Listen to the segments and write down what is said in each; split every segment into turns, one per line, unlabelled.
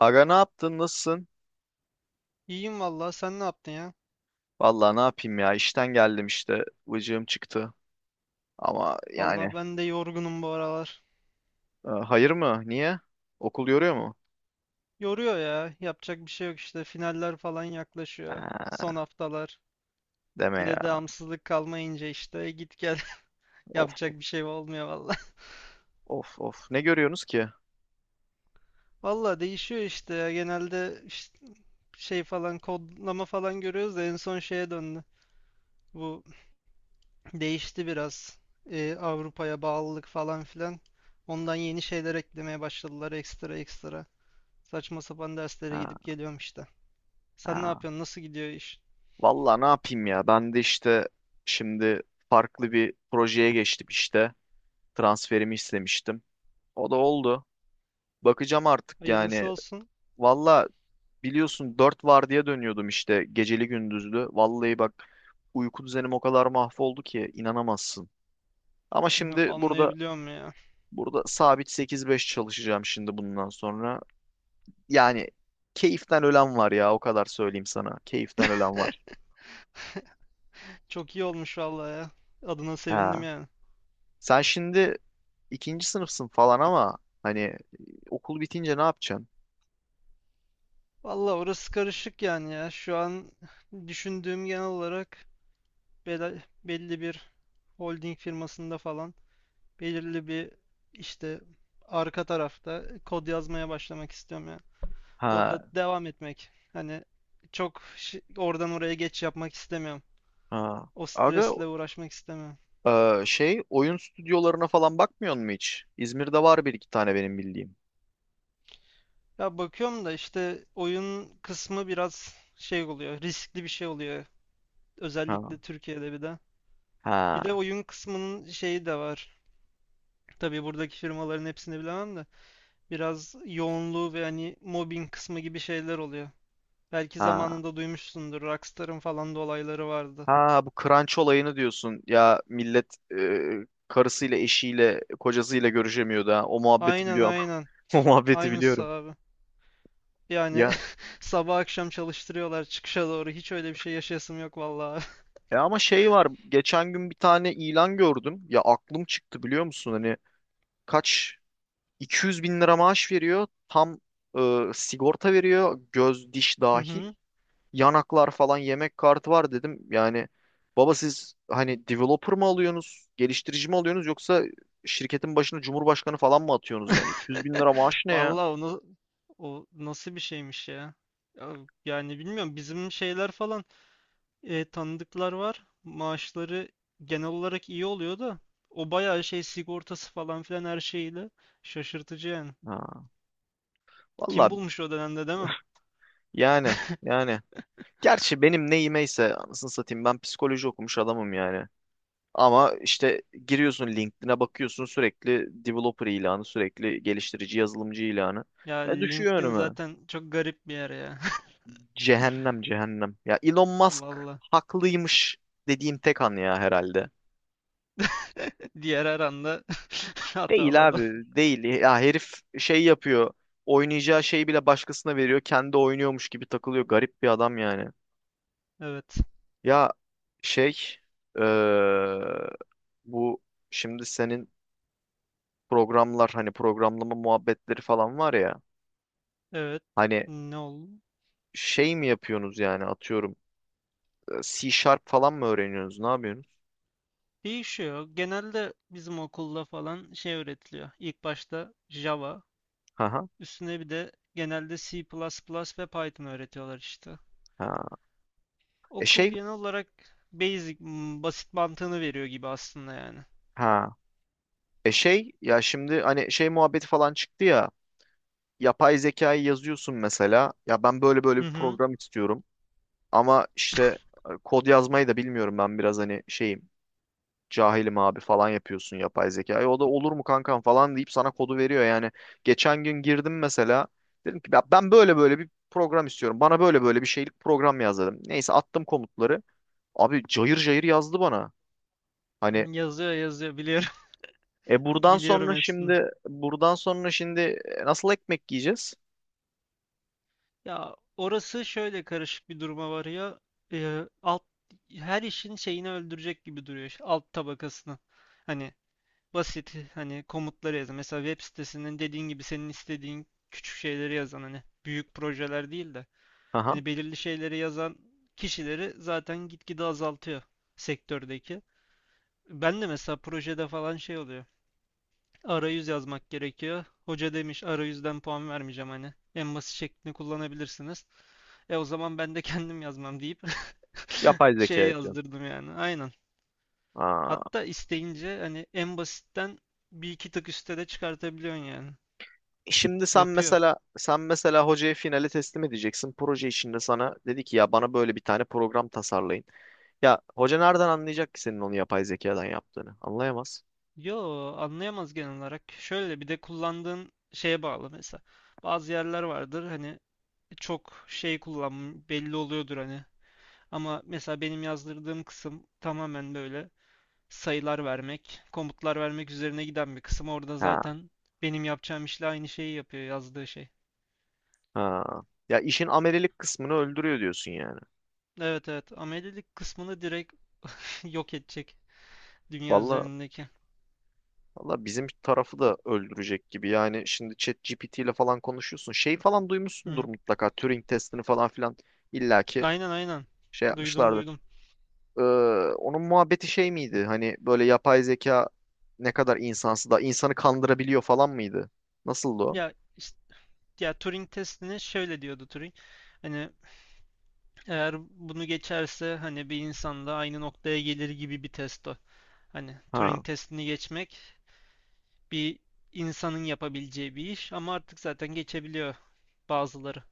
Aga ne yaptın? Nasılsın?
İyiyim valla sen ne yaptın ya?
Vallahi ne yapayım ya? İşten geldim işte. Vıcığım çıktı. Ama yani
Allah ben de yorgunum bu aralar.
hayır mı? Niye? Okul yoruyor mu?
Yoruyor ya. Yapacak bir şey yok işte. Finaller falan yaklaşıyor.
Ha,
Son haftalar.
deme
Bir
ya.
de devamsızlık kalmayınca işte git gel.
Of
Yapacak
of
bir şey olmuyor valla.
of. Of. Ne görüyorsunuz ki?
Valla değişiyor işte ya. Genelde işte şey falan kodlama falan görüyoruz da en son şeye döndü. Bu değişti biraz. Avrupa'ya bağlılık falan filan. Ondan yeni şeyler eklemeye başladılar ekstra ekstra. Saçma sapan derslere
Ha,
gidip geliyorum işte. Sen ne
ha.
yapıyorsun? Nasıl gidiyor iş?
Vallahi ne yapayım ya? Ben de işte şimdi farklı bir projeye geçtim işte. Transferimi istemiştim. O da oldu. Bakacağım artık yani.
Hayırlısı olsun.
Vallahi biliyorsun dört vardiya dönüyordum işte geceli gündüzlü. Vallahi bak uyku düzenim o kadar mahvoldu ki inanamazsın. Ama
Yo,
şimdi burada
anlayabiliyorum ya.
burada sabit sekiz beş çalışacağım şimdi bundan sonra. Yani keyiften ölen var ya o kadar söyleyeyim sana. Keyiften ölen var.
Çok iyi olmuş vallahi ya. Adına
Ha.
sevindim yani.
Sen şimdi ikinci sınıfsın falan ama hani okul bitince ne yapacaksın?
Vallahi orası karışık yani ya. Şu an düşündüğüm genel olarak belli bir holding firmasında falan belirli bir işte arka tarafta kod yazmaya başlamak istiyorum ya.
Ha.
Orada devam etmek. Hani çok oradan oraya geç yapmak istemiyorum.
Ha.
O
Aga
stresle uğraşmak istemiyorum.
şey oyun stüdyolarına falan bakmıyor mu hiç? İzmir'de var bir iki tane benim bildiğim.
Ya bakıyorum da işte oyun kısmı biraz şey oluyor, riskli bir şey oluyor.
Ha.
Özellikle Türkiye'de bir de. Bir de
Ha
oyun kısmının şeyi de var. Tabii buradaki firmaların hepsini bilemem de. Biraz yoğunluğu ve hani mobbing kısmı gibi şeyler oluyor. Belki
ha
zamanında duymuşsundur. Rockstar'ın falan da olayları vardı.
ha bu crunch olayını diyorsun. Ya millet karısıyla, eşiyle, kocasıyla görüşemiyordu ha. O muhabbeti
Aynen,
biliyorum.
aynen.
O muhabbeti
Aynısı
biliyorum.
abi. Yani
Ya
sabah akşam çalıştırıyorlar çıkışa doğru. Hiç öyle bir şey yaşayasım yok vallahi.
ama şey var. Geçen gün bir tane ilan gördüm. Ya aklım çıktı biliyor musun? Hani kaç 200 bin lira maaş veriyor. Tam sigorta veriyor. Göz, diş
Hı
dahil.
hı.
Yanaklar falan yemek kartı var dedim. Yani baba siz hani developer mı alıyorsunuz, geliştirici mi alıyorsunuz yoksa şirketin başına cumhurbaşkanı falan mı atıyorsunuz yani? 200 bin lira maaş ne ya?
Vallahi onu, o nasıl bir şeymiş ya? Ya, yani bilmiyorum bizim şeyler falan, tanıdıklar var. Maaşları genel olarak iyi oluyor da o bayağı şey sigortası falan filan her şeyiyle şaşırtıcı yani.
Ha,
Kim
vallahi
bulmuş o dönemde değil mi?
yani yani. Gerçi benim neyimeyse anasını satayım ben psikoloji okumuş adamım yani. Ama işte giriyorsun LinkedIn'e bakıyorsun sürekli developer ilanı, sürekli geliştirici yazılımcı ilanı.
Ya
Düşüyor
LinkedIn
önüme.
zaten çok garip bir yer ya.
Cehennem cehennem. Ya Elon Musk
Vallahi
haklıymış dediğim tek an ya herhalde.
diğer her anda hatalı
Değil
adam.
abi değil. Ya herif şey yapıyor. Oynayacağı şeyi bile başkasına veriyor. Kendi oynuyormuş gibi takılıyor. Garip bir adam yani.
Evet.
Ya şey eee, bu şimdi senin programlar hani programlama muhabbetleri falan var ya.
Evet.
Hani
Ne oldu?
şey mi yapıyorsunuz yani atıyorum C Sharp falan mı öğreniyorsunuz? Ne yapıyorsunuz?
Değişiyor. Genelde bizim okulda falan şey öğretiliyor. İlk başta Java,
Ha ha.
üstüne bir de genelde C++ ve Python öğretiyorlar işte.
Ha. E
Okul
şey
genel olarak basic, basit mantığını veriyor gibi aslında yani.
ha. E şey ya şimdi hani şey muhabbeti falan çıktı ya yapay zekayı yazıyorsun mesela ya ben böyle böyle
Hı
bir
hı.
program istiyorum ama işte kod yazmayı da bilmiyorum ben biraz hani şeyim cahilim abi falan yapıyorsun yapay zekayı o da olur mu kankam falan deyip sana kodu veriyor yani geçen gün girdim mesela dedim ki "Ya ben böyle böyle bir program istiyorum bana böyle böyle bir şeylik program yaz dedim neyse attım komutları abi cayır cayır yazdı bana hani
Yazıyor, yazıyor biliyorum. Biliyorum hepsini.
buradan sonra şimdi nasıl ekmek yiyeceğiz?
Ya orası şöyle karışık bir duruma varıyor. Alt, her işin şeyini öldürecek gibi duruyor. İşte, alt tabakasını. Hani basit hani komutları yazan, mesela web sitesinin dediğin gibi senin istediğin küçük şeyleri yazan, hani büyük projeler değil de
Aha.
hani belirli şeyleri yazan kişileri zaten gitgide azaltıyor sektördeki. Ben de mesela projede falan şey oluyor. Arayüz yazmak gerekiyor. Hoca demiş arayüzden puan vermeyeceğim hani. En basit şeklini kullanabilirsiniz. E o zaman ben de kendim yazmam deyip
Yapay zeka
şey
diyorsun.
yazdırdım yani. Aynen.
Aa.
Hatta isteyince hani en basitten bir iki tık üstte de çıkartabiliyorsun yani.
Şimdi sen
Yapıyor.
mesela sen mesela hocaya finale teslim edeceksin. Proje içinde sana dedi ki ya bana böyle bir tane program tasarlayın. Ya hoca nereden anlayacak ki senin onu yapay zekadan yaptığını? Anlayamaz.
Yo, anlayamaz genel olarak. Şöyle bir de kullandığın şeye bağlı mesela. Bazı yerler vardır hani çok şey kullan belli oluyordur hani. Ama mesela benim yazdırdığım kısım tamamen böyle sayılar vermek, komutlar vermek üzerine giden bir kısım. Orada
Ha.
zaten benim yapacağım işle aynı şeyi yapıyor yazdığı şey.
Ha. Ya işin amelilik kısmını öldürüyor diyorsun yani.
Evet, evet, amelilik kısmını direkt yok edecek dünya
Valla
üzerindeki.
valla bizim tarafı da öldürecek gibi. Yani şimdi ChatGPT ile falan konuşuyorsun. Şey falan duymuşsundur
Hı.
mutlaka. Turing testini falan filan illaki
Aynen, aynen.
şey
Duydum,
yapmışlardır.
duydum.
Ee, onun muhabbeti şey miydi? Hani böyle yapay zeka ne kadar insansı da insanı kandırabiliyor falan mıydı? Nasıldı o?
Ya işte, ya Turing testini şöyle diyordu Turing. Hani eğer bunu geçerse hani bir insanda aynı noktaya gelir gibi bir test o. Hani
Ha.
Turing testini geçmek bir insanın yapabileceği bir iş ama artık zaten geçebiliyor bazıları.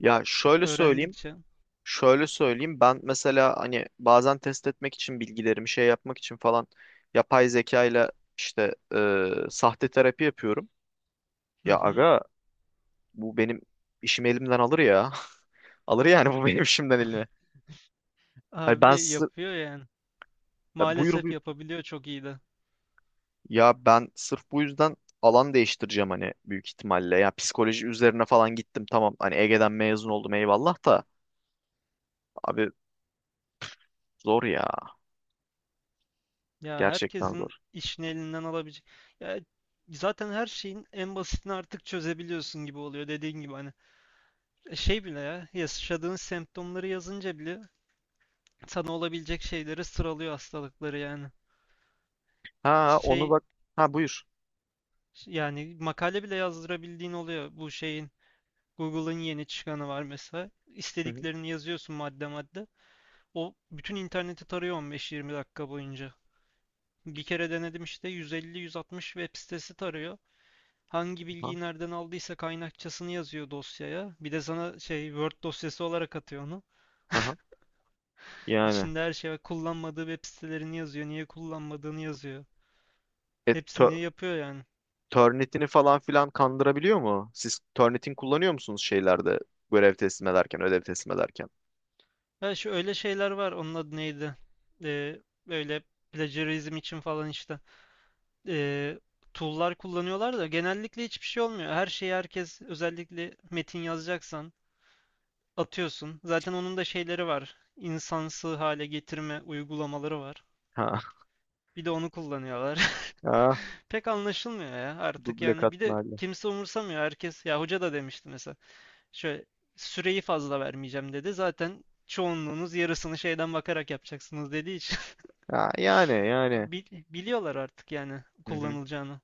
Ya şöyle söyleyeyim.
Öğrendikçe.
Şöyle söyleyeyim. Ben mesela hani bazen test etmek için bilgilerimi şey yapmak için falan yapay zeka ile işte sahte terapi yapıyorum.
Hı
Ya
hı.
aga bu benim işimi elimden alır ya. Alır yani bu benim işimden eline. Hani ben
Abi
sır-
yapıyor yani.
buyur
Maalesef
buyur.
yapabiliyor çok iyi de.
Ya ben sırf bu yüzden alan değiştireceğim hani büyük ihtimalle. Ya psikoloji üzerine falan gittim tamam. Hani Ege'den mezun oldum eyvallah da. Abi zor ya.
Ya
Gerçekten
herkesin
zor.
işini elinden alabilecek. Ya zaten her şeyin en basitini artık çözebiliyorsun gibi oluyor dediğin gibi hani. Şey bile ya, yaşadığın semptomları yazınca bile sana olabilecek şeyleri sıralıyor, hastalıkları yani.
Ha onu
Şey,
bak. Ha buyur.
yani makale bile yazdırabildiğin oluyor. Bu şeyin, Google'ın yeni çıkanı var mesela.
Hı hı.
İstediklerini yazıyorsun madde madde. O bütün interneti tarıyor 15-20 dakika boyunca. Bir kere denedim işte, 150-160 web sitesi tarıyor. Hangi
Ha,
bilgiyi nereden aldıysa kaynakçasını yazıyor dosyaya. Bir de sana şey Word dosyası olarak atıyor onu.
aha. Yani.
İçinde her şey var. Kullanmadığı web sitelerini yazıyor. Niye kullanmadığını yazıyor.
E,
Hepsini
tö-
yapıyor yani.
Turnitin'i falan filan kandırabiliyor mu? Siz Turnitin kullanıyor musunuz şeylerde? Görev teslim ederken, ödev teslim ederken.
Ha, şu öyle şeyler var. Onun adı neydi? Ee, Böyle plagiarizm için falan işte. Ee, Tool'lar kullanıyorlar da genellikle hiçbir şey olmuyor. Her şeyi herkes, özellikle metin yazacaksan, atıyorsun. Zaten onun da şeyleri var. İnsansı hale getirme uygulamaları var.
Ha.
Bir de onu kullanıyorlar.
Ha.
Pek anlaşılmıyor ya artık
Duble
yani. Bir de
katmerli.
kimse umursamıyor. Herkes, ya hoca da demişti mesela. Şöyle süreyi fazla vermeyeceğim dedi. Zaten çoğunluğunuz yarısını şeyden bakarak yapacaksınız dediği için
Ha, yani yani.
Biliyorlar artık yani
Hı hı.
kullanılacağını.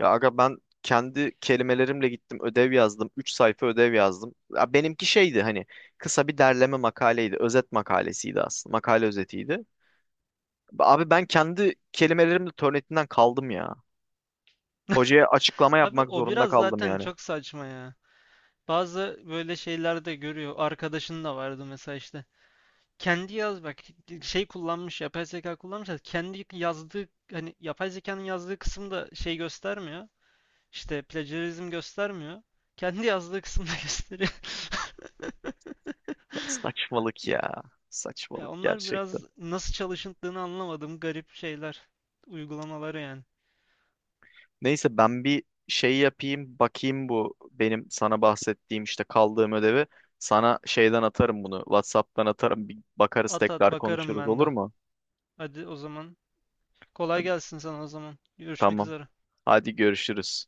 Ya aga ben kendi kelimelerimle gittim ödev yazdım. Üç sayfa ödev yazdım. Ya benimki şeydi hani kısa bir derleme makaleydi. Özet makalesiydi aslında. Makale özetiydi. Abi ben kendi kelimelerimle Turnitin'den kaldım ya. Hocaya açıklama
Abi
yapmak
o
zorunda
biraz
kaldım
zaten
yani.
çok saçma ya. Bazı böyle şeyler de görüyor. Arkadaşın da vardı mesela işte. Kendi yaz bak, şey kullanmış, yapay zeka kullanmış. Da, kendi yazdığı hani yapay zekanın yazdığı kısımda şey göstermiyor. İşte plagiarizm göstermiyor. Kendi yazdığı kısımda gösteriyor.
Ya saçmalık ya.
Ya
Saçmalık
onlar biraz
gerçekten.
nasıl çalışıldığını anlamadığım garip şeyler, uygulamaları yani.
Neyse ben bir şey yapayım bakayım bu benim sana bahsettiğim işte kaldığım ödevi. Sana şeyden atarım bunu. WhatsApp'tan atarım. Bir bakarız
At at,
tekrar
bakarım
konuşuruz
ben
olur
de.
mu?
Hadi o zaman. Kolay gelsin sana o zaman. Görüşmek
Tamam.
üzere.
Hadi görüşürüz.